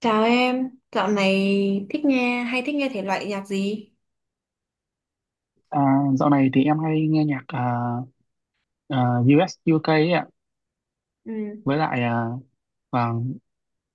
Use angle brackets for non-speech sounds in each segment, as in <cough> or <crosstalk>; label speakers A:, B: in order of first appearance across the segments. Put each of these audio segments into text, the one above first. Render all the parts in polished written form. A: Chào em, dạo này thích nghe hay thích nghe thể loại nhạc gì?
B: À, dạo này thì em hay nghe nhạc, à, US UK ấy ạ,
A: Ừ,
B: với lại, và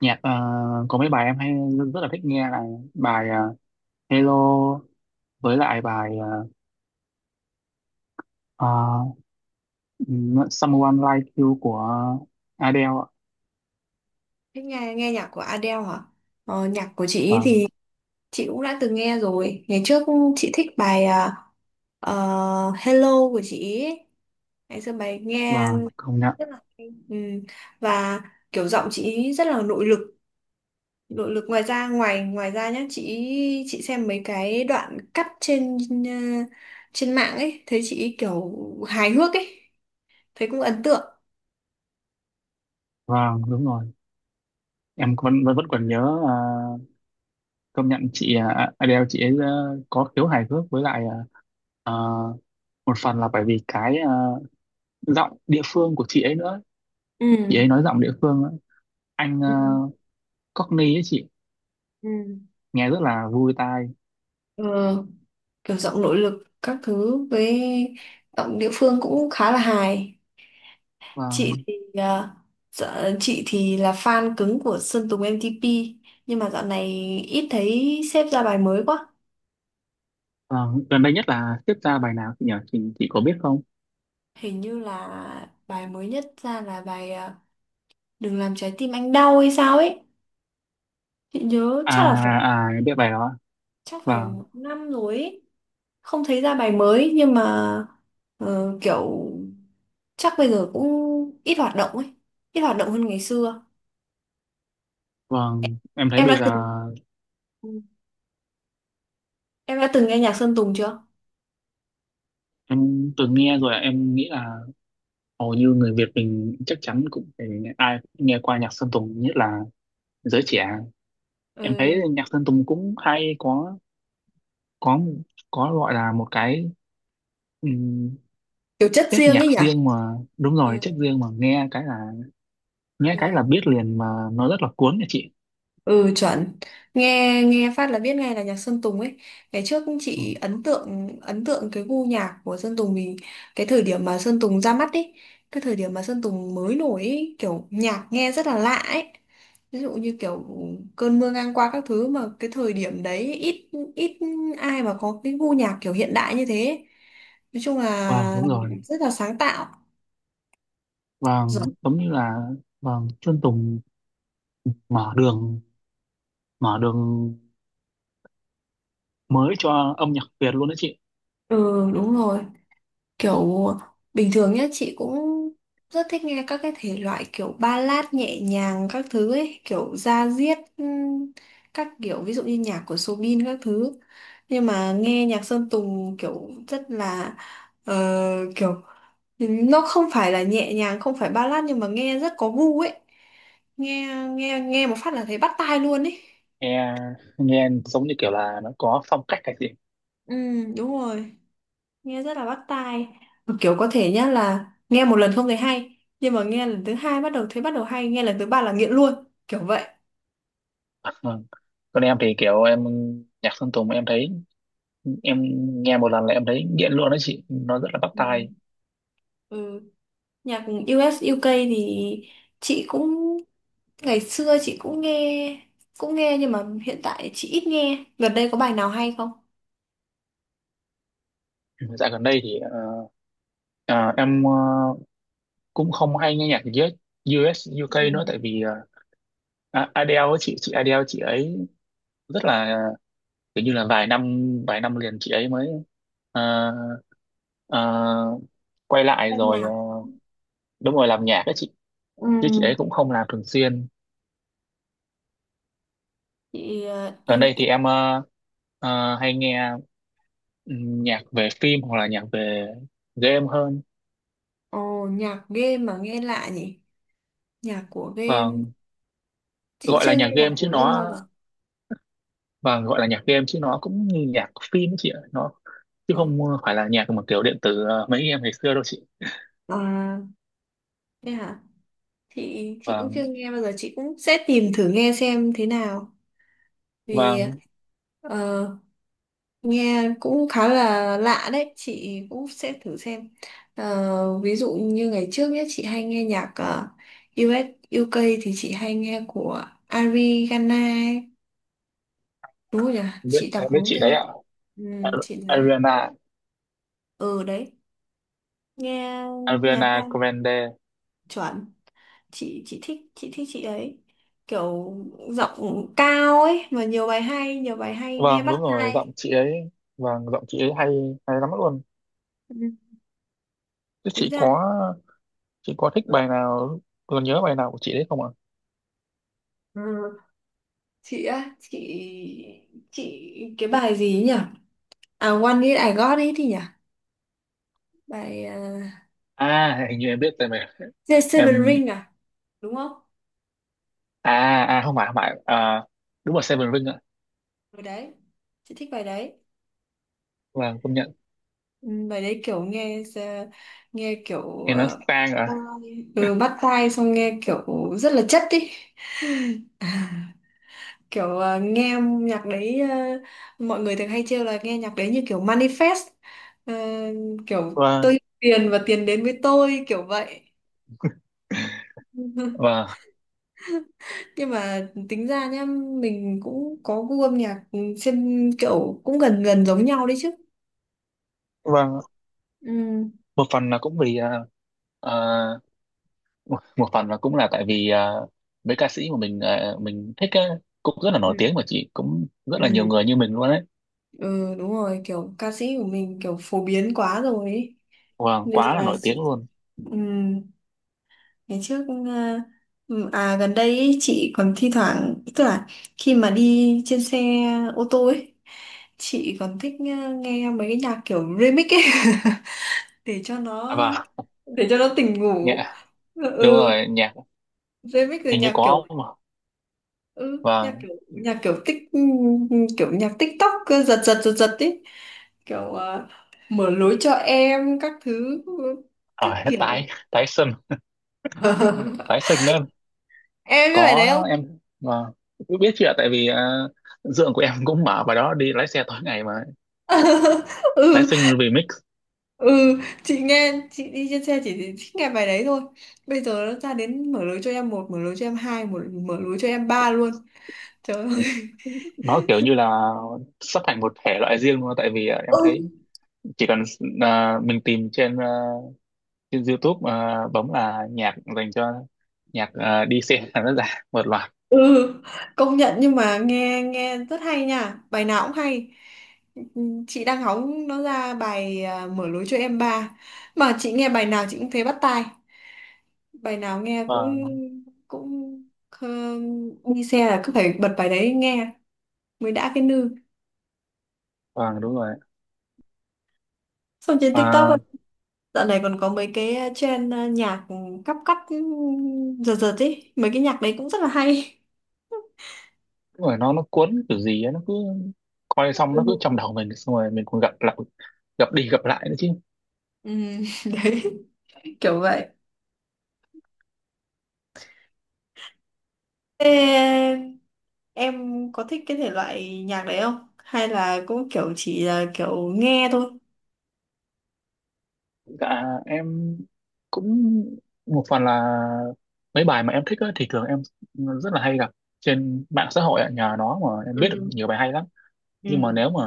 B: nhạc, có mấy bài em hay rất, rất là thích nghe là bài, Hello, với lại bài, à, Someone Like You của Adele ạ.
A: thích nghe nghe nhạc của Adele hả? Nhạc của chị ý
B: Vâng,
A: thì chị cũng đã từng nghe rồi. Ngày trước chị thích bài ờ, Hello của chị ý. Ngày xưa bài nghe
B: vâng, công nhận.
A: rất là hay. Ừ, và kiểu giọng chị ý rất là nội lực. Nội lực ngoài ra ngoài ngoài ra nhá, chị xem mấy cái đoạn cắt trên ờ, trên mạng ấy, thấy chị ý kiểu hài hước ấy, thấy cũng ấn tượng.
B: Vâng, đúng rồi, em vẫn vẫn, vẫn còn nhớ. Công nhận chị, Adele chị ấy, có khiếu hài hước, với lại, à, một phần là bởi vì cái, giọng địa phương của chị ấy nữa. Chị ấy
A: ừ
B: nói giọng địa phương ấy. Anh,
A: ừ
B: Cockney ấy chị,
A: ừ
B: nghe rất là vui tai.
A: Ờ, Kiểu giọng nội lực các thứ với giọng địa phương cũng khá là hài. Chị
B: Vâng,
A: thì à, chị thì là fan cứng của Sơn Tùng M-TP, nhưng mà dạo này ít thấy sếp ra bài mới quá.
B: vâng, gần đây nhất là tiếp ra bài nào chị nhỉ, chị có biết không?
A: Hình như là bài mới nhất ra là bài Đừng làm trái tim anh đau hay sao ấy, chị nhớ chắc là phải
B: À à em biết bài đó ạ.
A: chắc phải
B: Vâng,
A: một năm rồi ấy. Không thấy ra bài mới nhưng mà kiểu chắc bây giờ cũng ít hoạt động ấy, ít hoạt động hơn ngày xưa.
B: vâng, em thấy
A: em
B: bây
A: đã
B: giờ
A: từng em đã từng nghe nhạc Sơn Tùng chưa?
B: em từng nghe rồi ạ. Em nghĩ là hầu như người Việt mình chắc chắn cũng phải, ai cũng nghe qua nhạc Sơn Tùng, nhất là giới trẻ. Em thấy
A: ừ.
B: nhạc Sơn Tùng cũng hay, có có gọi là một cái, um,
A: Kiểu chất
B: chất
A: riêng
B: nhạc
A: ấy nhỉ.
B: riêng mà, đúng rồi,
A: ừ.
B: chất riêng mà nghe cái
A: ừ.
B: là biết liền mà, nó rất là cuốn nha chị.
A: Ừ, chuẩn, nghe nghe phát là biết ngay là nhạc Sơn Tùng ấy. Ngày trước
B: Ừ,
A: chị ấn tượng cái gu nhạc của Sơn Tùng vì cái thời điểm mà Sơn Tùng ra mắt ấy cái thời điểm mà Sơn Tùng mới nổi ấy, kiểu nhạc nghe rất là lạ ấy. Ví dụ như kiểu cơn mưa ngang qua các thứ mà cái thời điểm đấy ít ít ai mà có cái gu nhạc kiểu hiện đại như thế ấy. Nói chung
B: vâng,
A: là
B: đúng rồi.
A: rất là sáng tạo.
B: Vâng,
A: Giỏi.
B: giống như là, vâng, Sơn Tùng mở đường mở đường mới cho âm nhạc Việt luôn đó chị.
A: Ừ đúng rồi. Kiểu bình thường nhá chị cũng rất thích nghe các cái thể loại kiểu ballad nhẹ nhàng các thứ ấy, kiểu da diết các kiểu ví dụ như nhạc của Soobin các thứ. Nhưng mà nghe nhạc Sơn Tùng kiểu rất là ờ, kiểu nó không phải là nhẹ nhàng, không phải ballad nhưng mà nghe rất có gu ấy. Nghe nghe Nghe một phát là thấy bắt tai luôn ấy.
B: Nghe nghe giống như kiểu là nó có phong cách cái gì.
A: Ừ đúng rồi. Nghe rất là bắt tai. Mà kiểu có thể nhá là nghe một lần không thấy hay nhưng mà nghe lần thứ hai bắt đầu thấy bắt đầu hay, nghe lần thứ ba là nghiện luôn, kiểu vậy.
B: Vâng. Còn em thì kiểu, em, nhạc Sơn Tùng em thấy, em nghe một lần là em thấy nghiện luôn đó chị, nó rất là bắt
A: Ừ.
B: tai.
A: ừ. Nhạc US UK thì chị cũng ngày xưa chị cũng nghe, cũng nghe nhưng mà hiện tại chị ít nghe. Gần đây có bài nào hay không?
B: Dạo gần đây thì ờ, em, cũng không hay nghe nhạc US UK
A: Ừ.
B: nữa, tại vì, À, Adele ấy, chị Adele chị ấy rất là, kiểu như là, vài năm liền chị ấy mới ờ, ờ, quay lại
A: Ban
B: rồi. Ờ,
A: nhạc.
B: Đúng rồi, làm nhạc ấy chị.
A: Ừ.
B: Chứ chị ấy cũng không làm thường xuyên.
A: chị ờ,
B: Gần
A: y,
B: đây
A: y...
B: thì em hay nghe, nhạc về phim hoặc là nhạc về game hơn.
A: Ồ, nhạc game mà nghe lạ nhỉ, nhạc của game,
B: Vâng,
A: chị
B: gọi là
A: chưa nghe
B: nhạc
A: nhạc
B: game
A: của
B: chứ
A: game bao
B: nó
A: giờ.
B: gọi là nhạc game chứ nó cũng như nhạc phim ấy chị ạ, nó chứ
A: ừ.
B: không phải là nhạc mà kiểu điện tử, mấy em ngày xưa đâu chị.
A: À thế hả, chị
B: và
A: cũng chưa nghe bao giờ, chị cũng sẽ tìm thử nghe xem thế nào
B: và
A: vì ờ, nghe cũng khá là lạ đấy, chị cũng sẽ thử xem. Ờ, ví dụ như ngày trước nhé chị hay nghe nhạc US UK thì chị hay nghe của Ariana ấy. Đúng rồi nhỉ, chị
B: em
A: đọc
B: biết
A: đúng
B: chị đấy
A: tên.
B: ạ.
A: ừ,
B: Ar-
A: chị đấy.
B: Ariana
A: Ừ đấy, nghe nhạc
B: Ariana
A: hay,
B: Grande.
A: chuẩn. Chị thích chị ấy, kiểu giọng cao ấy mà nhiều bài hay, nghe
B: Vâng, đúng
A: bắt
B: rồi,
A: tai.
B: giọng chị ấy. Vâng, giọng chị ấy hay hay lắm luôn.
A: Ừ.
B: Chứ
A: Tính
B: chị
A: ra
B: có, thích
A: ừ,
B: bài nào, còn nhớ bài nào của chị đấy không ạ?
A: Ừ. chị á, chị cái bài gì ấy nhỉ? À, One It I Got It thì nhỉ, bài
B: À, hình như em biết rồi mà.
A: The Seven
B: Em,
A: Ring à, đúng không?
B: à không phải, không phải, đúng là Seven Ring ạ.
A: Bài đấy, chị thích bài đấy.
B: Vâng, công nhận.
A: Ừ, bài đấy kiểu nghe kiểu
B: Em nói sang ạ.
A: bắt tai xong nghe kiểu rất là chất ý. <laughs> kiểu ờ, nghe Nhạc đấy mọi người thường hay trêu là nghe nhạc đấy như kiểu manifest. Ờ, kiểu tôi
B: Vâng,
A: yêu tiền và tiền đến với tôi, kiểu vậy. <laughs>
B: vâng,
A: Nhưng mà tính ra nhá, mình cũng có gu âm nhạc trên kiểu cũng gần gần giống nhau đấy chứ.
B: vâng,
A: ừ
B: một phần là cũng vì, ờ, một một phần là cũng là tại vì, mấy ca sĩ mà mình thích á, cũng rất là nổi
A: ừ
B: tiếng mà chị, cũng rất là nhiều
A: ừ
B: người như mình luôn đấy.
A: ừ đúng rồi, kiểu ca sĩ của mình kiểu phổ biến quá rồi ấy.
B: Vâng,
A: Nên
B: quá là
A: là
B: nổi tiếng
A: sự-,
B: luôn.
A: ừ. Ngày trước ờ, à gần đây ý, chị còn thi thoảng tức là khi mà đi trên xe ô tô ấy, chị còn thích nghe mấy cái nhạc kiểu remix ấy <laughs> để cho
B: À,
A: nó,
B: vâng,
A: để cho nó tỉnh ngủ.
B: nhạc,
A: ừ
B: đúng
A: ừ,
B: rồi, nhạc
A: Remix rồi
B: hình như
A: nhạc kiểu
B: có mà.
A: ừ nhạc
B: Vâng,
A: kiểu nhạc kiểu tích kiểu nhạc TikTok cứ giật giật ấy, kiểu mở lối cho em các thứ, các
B: ở <laughs>
A: kiểu.
B: tái tái sinh, tái
A: <laughs>
B: sinh nữa.
A: Em biết bài đấy
B: Có,
A: không?
B: em, vâng, biết chuyện, tại vì, dượng của em <laughs> cũng mở vào đó, đi lái xe tối ngày mà.
A: <laughs>
B: Tái
A: ừ
B: sinh remix.
A: ừ chị nghe, chị đi trên xe chỉ thích nghe bài đấy thôi. Bây giờ nó ra đến mở lối cho em một, mở lối cho em hai, mở lối cho em ba luôn, trời ơi.
B: Nó kiểu như là sắp thành một thể loại riêng luôn, tại vì, em
A: ừ
B: thấy chỉ cần, mình tìm trên, trên YouTube, bấm là nhạc dành cho, nhạc, đi xe <laughs> là nó ra một loạt.
A: ừ Công nhận, nhưng mà nghe nghe rất hay nha, bài nào cũng hay. Ừ, chị đang hóng nó ra bài mở lối cho em ba. Mà chị nghe bài nào chị cũng thấy bắt tai, bài nào nghe cũng
B: Vâng,
A: cũng ờ, đi xe là cứ phải bật bài đấy nghe mới đã cái nư.
B: vâng, đúng rồi.
A: Xong trên TikTok
B: à,
A: ấy, dạo này còn có mấy cái trend nhạc cắp cắt, giật giật ấy. Mấy cái nhạc đấy cũng rất là hay.
B: Đúng rồi, nó cuốn kiểu gì ấy, nó cứ coi xong nó cứ trong
A: Ừ.
B: đầu mình, xong rồi mình còn gặp lại, gặp đi gặp lại nữa chứ.
A: Ừ, <laughs> đấy, kiểu vậy. Thế em có thích cái thể loại nhạc đấy không? Hay là cũng kiểu chỉ là kiểu nghe thôi?
B: Dạ, em cũng, một phần là mấy bài mà em thích á, thì thường em rất là hay gặp trên mạng xã hội ạ, nhờ nó mà em biết được
A: Ừ.
B: nhiều bài hay lắm. Nhưng mà
A: Ừ.
B: nếu mà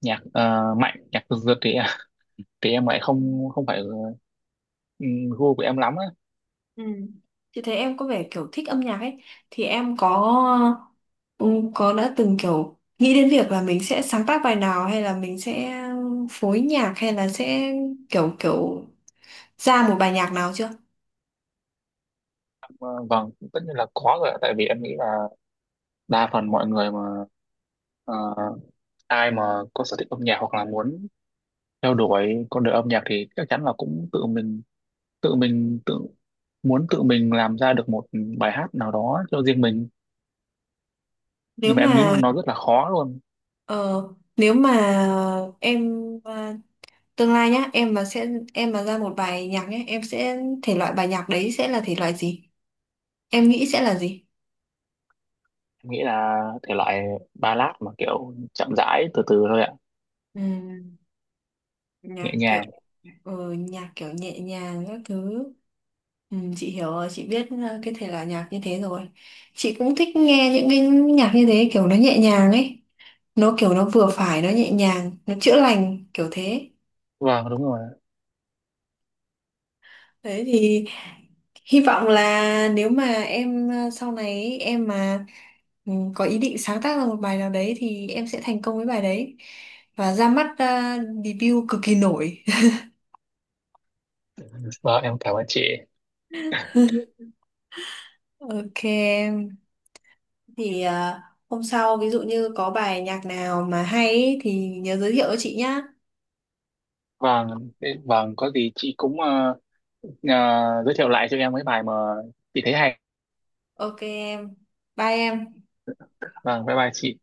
B: nhạc, mạnh, nhạc giật giật thì em lại không không phải, ừ, gu của em lắm á.
A: Ừ. Chị thấy em có vẻ kiểu thích âm nhạc ấy. Thì em có Ừ, có đã từng kiểu nghĩ đến việc là mình sẽ sáng tác bài nào hay là mình sẽ phối nhạc, hay là sẽ kiểu kiểu ra một bài nhạc nào chưa?
B: Ờ, vâng, tất nhiên là có rồi ạ. Tại vì em nghĩ là đa phần mọi người mà, ờ, ai mà có sở thích âm nhạc, hoặc là muốn theo đuổi con đường âm nhạc, thì chắc chắn là cũng tự muốn tự mình làm ra được một bài hát nào đó cho riêng mình.
A: Nếu
B: Nhưng mà em nghĩ
A: mà
B: nó rất là khó luôn.
A: ờ, Nếu mà em à, tương lai nhá, em mà sẽ em mà ra một bài nhạc nhé, em sẽ, thể loại bài nhạc đấy sẽ là thể loại gì? Em nghĩ sẽ là gì?
B: Em nghĩ là thể loại ballad mà kiểu chậm rãi, từ từ thôi ạ.
A: Ừ.
B: Nhẹ
A: Nhạc kiểu
B: nhàng.
A: nhạc kiểu nhẹ nhàng các thứ. Chị hiểu rồi, chị biết cái thể loại nhạc như thế rồi. Chị cũng thích nghe những cái nhạc như thế, kiểu nó nhẹ nhàng ấy, nó kiểu nó vừa phải, nó nhẹ nhàng, nó chữa lành kiểu thế.
B: Vâng, đúng rồi.
A: Đấy thì hy vọng là nếu mà em sau này ấy, em mà có ý định sáng tác ra một bài nào đấy thì em sẽ thành công với bài đấy và ra mắt, debut cực kỳ nổi. <laughs>
B: Vâng, em cảm ơn chị.
A: Ok em, thì à, hôm sau ví dụ như có bài nhạc nào mà hay ý thì nhớ giới thiệu cho chị nhá.
B: Vâng, vâng có gì chị cũng, Ờ, giới thiệu lại cho em mấy bài mà chị thấy hay.
A: Ok em, bye em.
B: Vâng, bye bye chị.